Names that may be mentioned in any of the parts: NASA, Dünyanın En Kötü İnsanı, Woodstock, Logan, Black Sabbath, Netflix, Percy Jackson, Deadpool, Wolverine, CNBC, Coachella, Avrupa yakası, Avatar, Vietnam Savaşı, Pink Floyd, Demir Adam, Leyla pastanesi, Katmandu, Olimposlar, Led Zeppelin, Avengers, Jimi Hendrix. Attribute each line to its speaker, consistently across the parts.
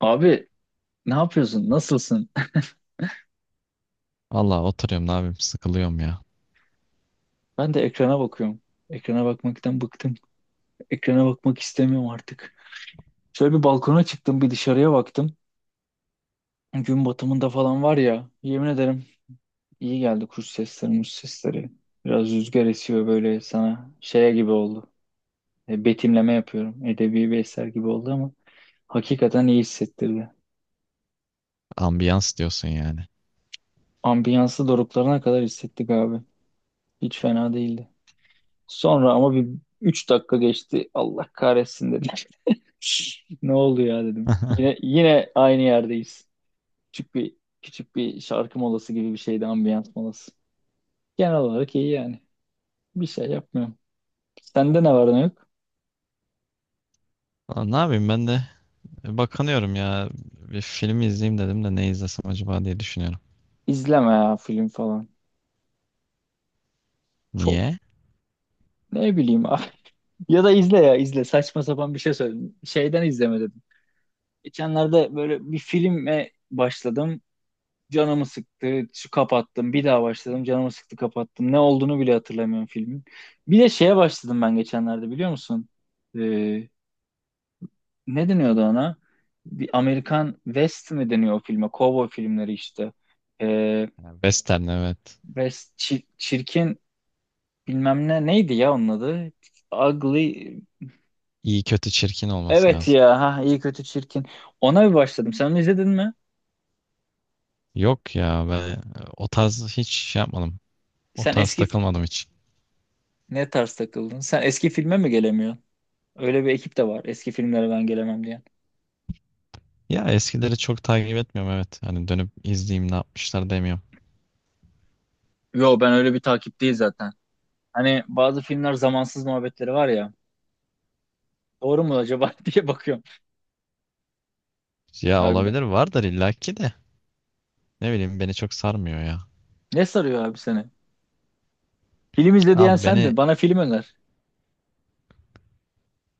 Speaker 1: Abi ne yapıyorsun? Nasılsın?
Speaker 2: Valla oturuyorum ne yapayım sıkılıyorum ya.
Speaker 1: Ben de ekrana bakıyorum. Ekrana bakmaktan bıktım. Ekrana bakmak istemiyorum artık. Şöyle bir balkona çıktım, bir dışarıya baktım. Gün batımında falan var ya, yemin ederim iyi geldi kuş sesleri, muş sesleri. Biraz rüzgar esiyor böyle sana şeye gibi oldu. Betimleme yapıyorum. Edebi bir eser gibi oldu ama hakikaten iyi hissettirdi.
Speaker 2: Ambiyans diyorsun yani.
Speaker 1: Ambiyansı doruklarına kadar hissettik abi. Hiç fena değildi. Sonra ama bir 3 dakika geçti. Allah kahretsin dedim. Ne oldu ya dedim. Yine yine aynı yerdeyiz. Küçük küçük bir şarkı molası gibi bir şeydi, ambiyans molası. Genel olarak iyi yani. Bir şey yapmıyorum. Sende ne var ne yok?
Speaker 2: Valla ne yapayım ben de bakınıyorum ya. Bir film izleyeyim dedim de ne izlesem acaba diye düşünüyorum.
Speaker 1: İzleme ya film falan. Çok
Speaker 2: Niye?
Speaker 1: ne bileyim abi. Ya da izle ya izle. Saçma sapan bir şey söyledim. Şeyden izleme dedim. Geçenlerde böyle bir filme başladım. Canımı sıktı. Şu kapattım. Bir daha başladım. Canımı sıktı kapattım. Ne olduğunu bile hatırlamıyorum filmin. Bir de şeye başladım ben geçenlerde biliyor musun? Ee, Ne deniyordu ona? Bir Amerikan West mi deniyor o filme? Cowboy filmleri işte. Ee,
Speaker 2: Ha, Western evet.
Speaker 1: West çir- çirkin bilmem ne neydi ya onun adı? Ugly.
Speaker 2: İyi kötü çirkin olması
Speaker 1: Evet
Speaker 2: lazım.
Speaker 1: ya ha iyi kötü çirkin. Ona bir başladım. Sen onu izledin mi?
Speaker 2: Yok ya ben o tarz hiç şey yapmadım. O
Speaker 1: Sen
Speaker 2: tarz
Speaker 1: eski
Speaker 2: takılmadım hiç.
Speaker 1: ne tarz takıldın? Sen eski filme mi gelemiyorsun? Öyle bir ekip de var. Eski filmlere ben gelemem diyen.
Speaker 2: Ya eskileri çok takip etmiyorum evet. Hani dönüp izleyeyim ne yapmışlar demiyorum.
Speaker 1: Yo ben öyle bir takip değil zaten. Hani bazı filmler zamansız muhabbetleri var ya. Doğru mu acaba diye bakıyorum
Speaker 2: Ya
Speaker 1: harbiden.
Speaker 2: olabilir vardır illaki de. Ne bileyim beni çok sarmıyor ya.
Speaker 1: Ne sarıyor abi seni? Film izle diyen
Speaker 2: Abi beni
Speaker 1: sendin. Bana film öner.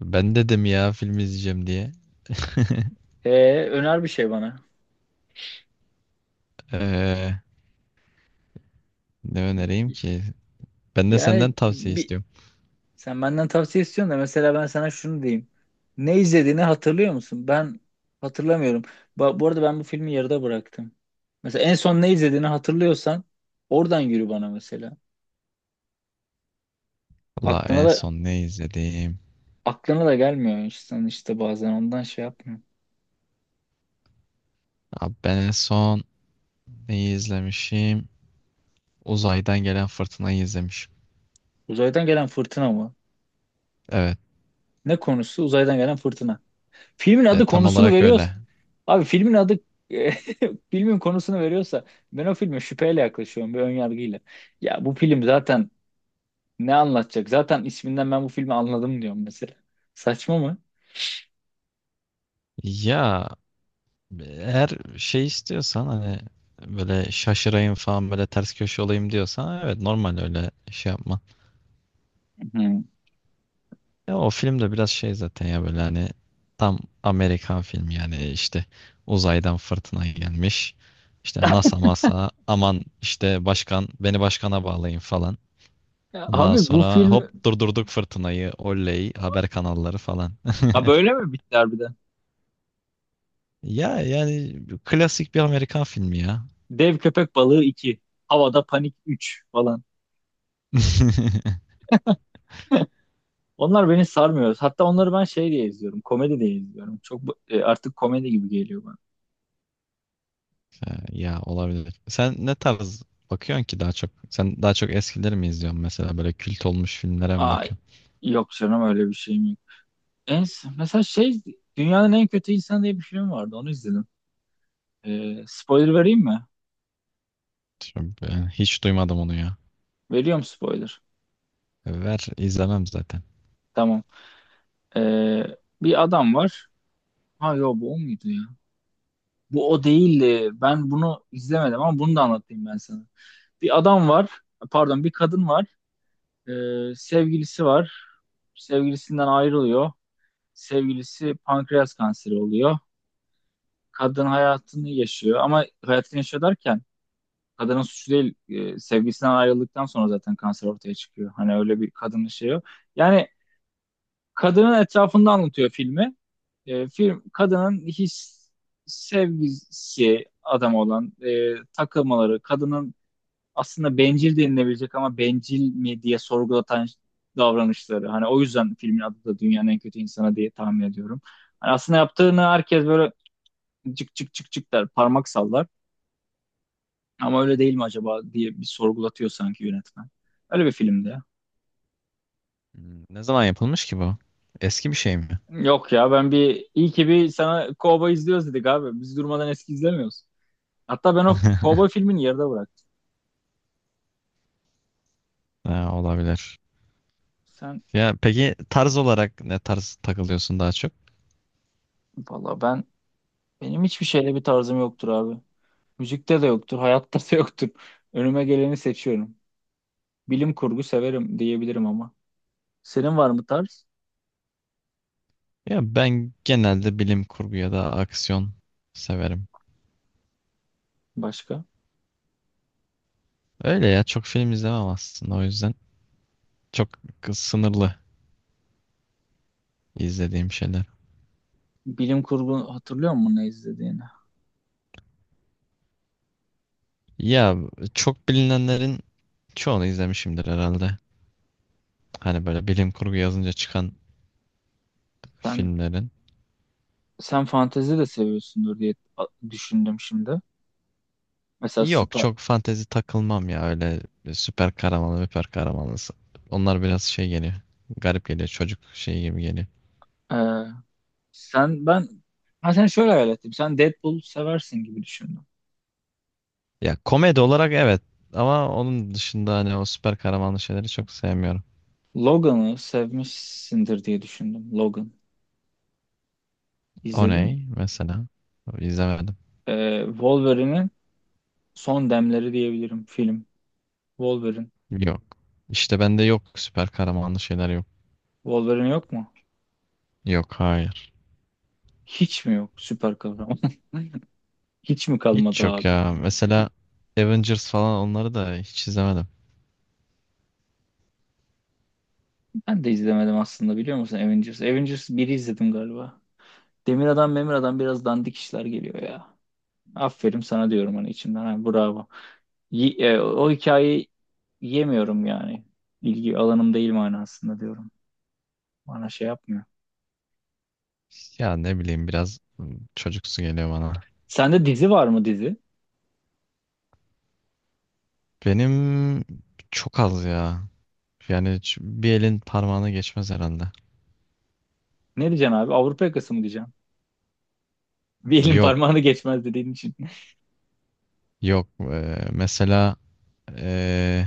Speaker 2: Ben dedim ya film izleyeceğim diye.
Speaker 1: Öner bir şey bana.
Speaker 2: Ee, Ne önereyim ki? Ben de senden
Speaker 1: Yani
Speaker 2: tavsiye
Speaker 1: bir,
Speaker 2: istiyorum.
Speaker 1: Sen benden tavsiye istiyorsun da mesela ben sana şunu diyeyim. Ne izlediğini hatırlıyor musun? Ben hatırlamıyorum. Ba- bu arada ben bu filmi yarıda bıraktım. Mesela en son ne izlediğini hatırlıyorsan oradan yürü bana mesela.
Speaker 2: Valla
Speaker 1: Aklına
Speaker 2: en
Speaker 1: da
Speaker 2: son ne izledim?
Speaker 1: aklına da gelmiyor insan işte bazen ondan şey yapmıyor.
Speaker 2: Abi ben en son Neyi izlemişim? Uzaydan gelen fırtınayı izlemişim.
Speaker 1: Uzaydan gelen fırtına mı?
Speaker 2: Evet,
Speaker 1: Ne konusu? Uzaydan gelen fırtına. Filmin adı
Speaker 2: tam
Speaker 1: konusunu
Speaker 2: olarak
Speaker 1: veriyor.
Speaker 2: öyle.
Speaker 1: Abi filmin adı filmin konusunu veriyorsa ben o filme şüpheyle yaklaşıyorum bir ön yargıyla. Ya bu film zaten ne anlatacak? Zaten isminden ben bu filmi anladım diyorum mesela. Saçma mı?
Speaker 2: Ya eğer şey istiyorsan hani böyle şaşırayım falan böyle ters köşe olayım diyorsan evet normal öyle şey yapma.
Speaker 1: Hı.
Speaker 2: Ya o film de biraz şey zaten ya böyle hani tam Amerikan filmi yani işte uzaydan fırtına gelmiş. İşte NASA masa aman işte başkan beni başkana bağlayın falan.
Speaker 1: Ya
Speaker 2: Ondan
Speaker 1: abi bu
Speaker 2: sonra
Speaker 1: film.
Speaker 2: hop durdurduk fırtınayı oley haber kanalları falan.
Speaker 1: Ha böyle mi bitti harbiden?
Speaker 2: Ya yani klasik bir Amerikan filmi ya.
Speaker 1: Dev köpek balığı 2, havada panik 3 falan. Onlar beni sarmıyor. Hatta onları ben şey diye izliyorum. Komedi diye izliyorum. Çok bu- artık komedi gibi geliyor bana.
Speaker 2: Ya ya olabilir. Sen ne tarz bakıyorsun ki daha çok? Sen daha çok eskileri mi izliyorsun mesela böyle kült olmuş filmlere mi
Speaker 1: Ay
Speaker 2: bakıyorsun?
Speaker 1: yok canım öyle bir şey mi. En, mesela şey Dünyanın En Kötü İnsanı diye bir film vardı. Onu izledim. Spoiler vereyim mi?
Speaker 2: Çok- ben hiç duymadım onu ya.
Speaker 1: Veriyorum spoiler.
Speaker 2: Ver izlemem zaten.
Speaker 1: Tamam. Ee, Bir adam var. Ha yo bu o muydu ya? Bu o değildi. Ben bunu izlemedim ama bunu da anlatayım ben sana. Bir adam var. Pardon bir kadın var. Sevgilisi var. Sevgilisinden ayrılıyor. Sevgilisi pankreas kanseri oluyor. Kadın hayatını yaşıyor ama hayatını yaşıyor derken kadının suçu değil. Sevgisinden ayrıldıktan sonra zaten kanser ortaya çıkıyor. Hani öyle bir kadının şeyi yok. Yani kadının etrafında anlatıyor filmi. Film kadının his sevgisi adam olan takılmaları, kadının aslında bencil denilebilecek ama bencil mi diye sorgulatan davranışları. Hani o yüzden filmin adı da Dünyanın En Kötü İnsanı diye tahmin ediyorum. Hani aslında yaptığını herkes böyle cık cık cık cık der, parmak sallar. Ama öyle değil mi acaba diye bir sorgulatıyor sanki yönetmen. Öyle bir filmdi ya.
Speaker 2: Hmm, ne zaman yapılmış ki bu? Eski bir şey mi?
Speaker 1: Yok ya ben bir iyi ki bir sana Cowboy izliyoruz dedik abi. Biz durmadan eski izlemiyoruz. Hatta ben o Cowboy filmini yarıda bıraktım.
Speaker 2: Ha, olabilir.
Speaker 1: Sen
Speaker 2: Ya peki tarz olarak ne tarz takılıyorsun daha çok?
Speaker 1: valla ben benim hiçbir şeyle bir tarzım yoktur abi. Müzikte de yoktur, hayatta da yoktur. Önüme geleni seçiyorum. Bilim kurgu severim diyebilirim ama. Senin var mı tarz?
Speaker 2: Ya ben genelde bilim kurgu ya da aksiyon severim.
Speaker 1: Başka?
Speaker 2: Öyle ya çok film izlemem aslında o yüzden çok sınırlı izlediğim şeyler.
Speaker 1: Bilim kurgu hatırlıyor musun ne izlediğini?
Speaker 2: Ya çok bilinenlerin çoğunu izlemişimdir herhalde. Hani böyle bilim kurgu yazınca çıkan
Speaker 1: Sen
Speaker 2: filmlerin.
Speaker 1: sen fantezi de seviyorsundur diye a- düşündüm şimdi. Mesela
Speaker 2: Yok
Speaker 1: Spa,
Speaker 2: çok fantezi takılmam ya öyle süper kahramanlı, süper kahramanlı. Onlar biraz şey geliyor. Garip geliyor çocuk şey gibi geliyor.
Speaker 1: e, sen ben ha sen şöyle hayal ettim. Sen Deadpool seversin gibi düşündüm.
Speaker 2: Ya komedi olarak evet ama onun dışında hani o süper kahramanlı şeyleri çok sevmiyorum.
Speaker 1: Logan'ı sevmişsindir diye düşündüm. Logan.
Speaker 2: O
Speaker 1: İzledin mi?
Speaker 2: ne mesela? İzlemedim.
Speaker 1: Wolverine'in son demleri diyebilirim film. Wolverine.
Speaker 2: Yok. İşte bende yok süper kahramanlı şeyler yok.
Speaker 1: Wolverine yok mu?
Speaker 2: Yok hayır.
Speaker 1: Hiç mi yok süper kahraman? Hiç mi
Speaker 2: Hiç
Speaker 1: kalmadı
Speaker 2: yok
Speaker 1: abi?
Speaker 2: ya. Mesela Avengers falan onları da hiç izlemedim.
Speaker 1: Ben de izlemedim aslında biliyor musun Avengers? Avengers biri izledim galiba. Demir Adam, Memir Adam biraz dandik işler geliyor ya. Aferin sana diyorum hani içimden. Ha, bravo. Ye- o hikayeyi yemiyorum yani. İlgi alanım değil manasında diyorum. Bana şey yapmıyor.
Speaker 2: Ya ne bileyim biraz çocuksu geliyor bana.
Speaker 1: Sende dizi var mı dizi?
Speaker 2: Benim çok az ya. Yani hiç bir elin parmağına geçmez herhalde.
Speaker 1: Ne diyeceksin abi? Avrupa yakası mı diyeceksin? Bir elin
Speaker 2: Yok,
Speaker 1: parmağını geçmez dediğin için.
Speaker 2: yok. Mesela ee,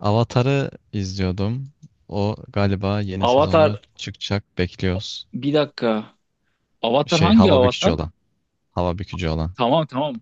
Speaker 2: Avatar'ı izliyordum. O galiba yeni sezonu
Speaker 1: Avatar
Speaker 2: çıkacak bekliyoruz.
Speaker 1: bir dakika. Avatar
Speaker 2: Şey
Speaker 1: hangi
Speaker 2: hava bükücü
Speaker 1: avatar?
Speaker 2: olan. Hava bükücü olan.
Speaker 1: Tamam tamam.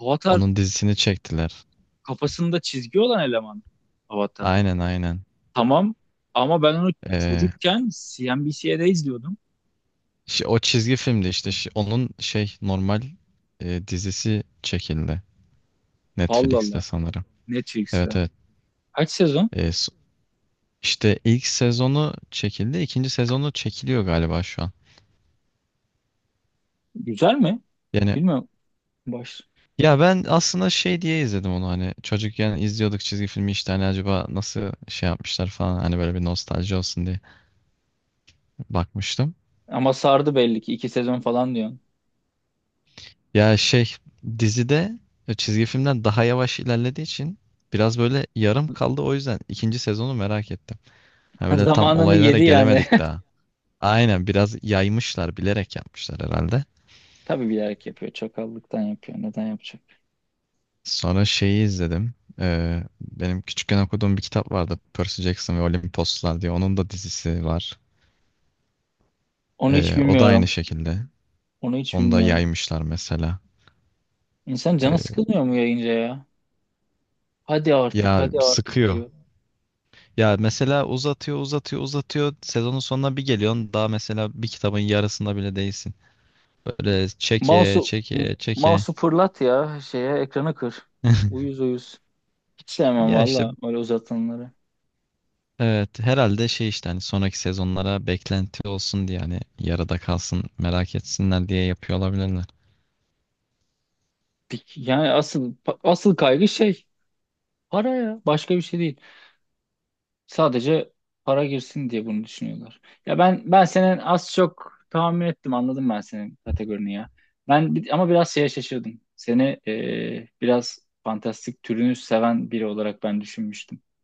Speaker 1: Avatar
Speaker 2: Onun dizisini çektiler.
Speaker 1: kafasında çizgi olan eleman. Avatar.
Speaker 2: Aynen aynen.
Speaker 1: Tamam ama ben onu
Speaker 2: Ee,
Speaker 1: çocukken CNBC'de izliyordum.
Speaker 2: O çizgi filmdi işte. Onun şey normal dizisi çekildi.
Speaker 1: Allah
Speaker 2: Netflix'te
Speaker 1: Allah.
Speaker 2: sanırım. Evet
Speaker 1: Netflix'te.
Speaker 2: evet.
Speaker 1: Kaç sezon?
Speaker 2: Ee, s- işte ilk sezonu çekildi. İkinci sezonu çekiliyor galiba şu an.
Speaker 1: Güzel mi?
Speaker 2: Yani
Speaker 1: Bilmiyorum. Baş
Speaker 2: ya ben aslında şey diye izledim onu hani çocukken izliyorduk çizgi filmi işte hani acaba nasıl şey yapmışlar falan hani böyle bir nostalji olsun diye bakmıştım.
Speaker 1: ama sardı belli ki iki sezon falan diyorsun.
Speaker 2: Ya şey dizide çizgi filmden daha yavaş ilerlediği için biraz böyle yarım kaldı o yüzden ikinci sezonu merak ettim. Ha böyle tam
Speaker 1: Zamanını
Speaker 2: olaylara
Speaker 1: yedi yani.
Speaker 2: gelemedik daha. Aynen biraz yaymışlar bilerek yapmışlar herhalde.
Speaker 1: Tabii bilerek yapıyor. Çakallıktan yapıyor. Neden yapacak?
Speaker 2: Sonra şeyi izledim. Benim küçükken okuduğum bir kitap vardı. Percy Jackson ve Olimposlar diye. Onun da dizisi var.
Speaker 1: Onu hiç
Speaker 2: O da aynı
Speaker 1: bilmiyorum.
Speaker 2: şekilde.
Speaker 1: Onu hiç
Speaker 2: Onu da
Speaker 1: bilmiyorum.
Speaker 2: yaymışlar mesela.
Speaker 1: İnsan canı
Speaker 2: Ee,
Speaker 1: sıkılmıyor mu yayınca ya? Hadi artık,
Speaker 2: Ya
Speaker 1: hadi artık
Speaker 2: sıkıyor.
Speaker 1: diyor.
Speaker 2: Ya mesela uzatıyor, uzatıyor, uzatıyor. Sezonun sonuna bir geliyorsun. Daha mesela bir kitabın yarısında bile değilsin. Böyle çeke,
Speaker 1: Mouse'u m-
Speaker 2: çeke, çeke.
Speaker 1: mouse'u fırlat ya şeye ekrana kır. Uyuz uyuz. Hiç sevmem
Speaker 2: Ya işte
Speaker 1: valla öyle uzatanları.
Speaker 2: evet herhalde şey işte hani sonraki sezonlara beklenti olsun diye hani yarıda kalsın merak etsinler diye yapıyor olabilirler.
Speaker 1: Bir- yani asıl kaygı şey para ya. Başka bir şey değil. Sadece para girsin diye bunu düşünüyorlar. Ya ben senin az çok tahmin ettim anladım ben senin kategorini ya. Ben bir- ama biraz şeye şaşırdım. Seni biraz fantastik türünü seven biri olarak ben düşünmüştüm.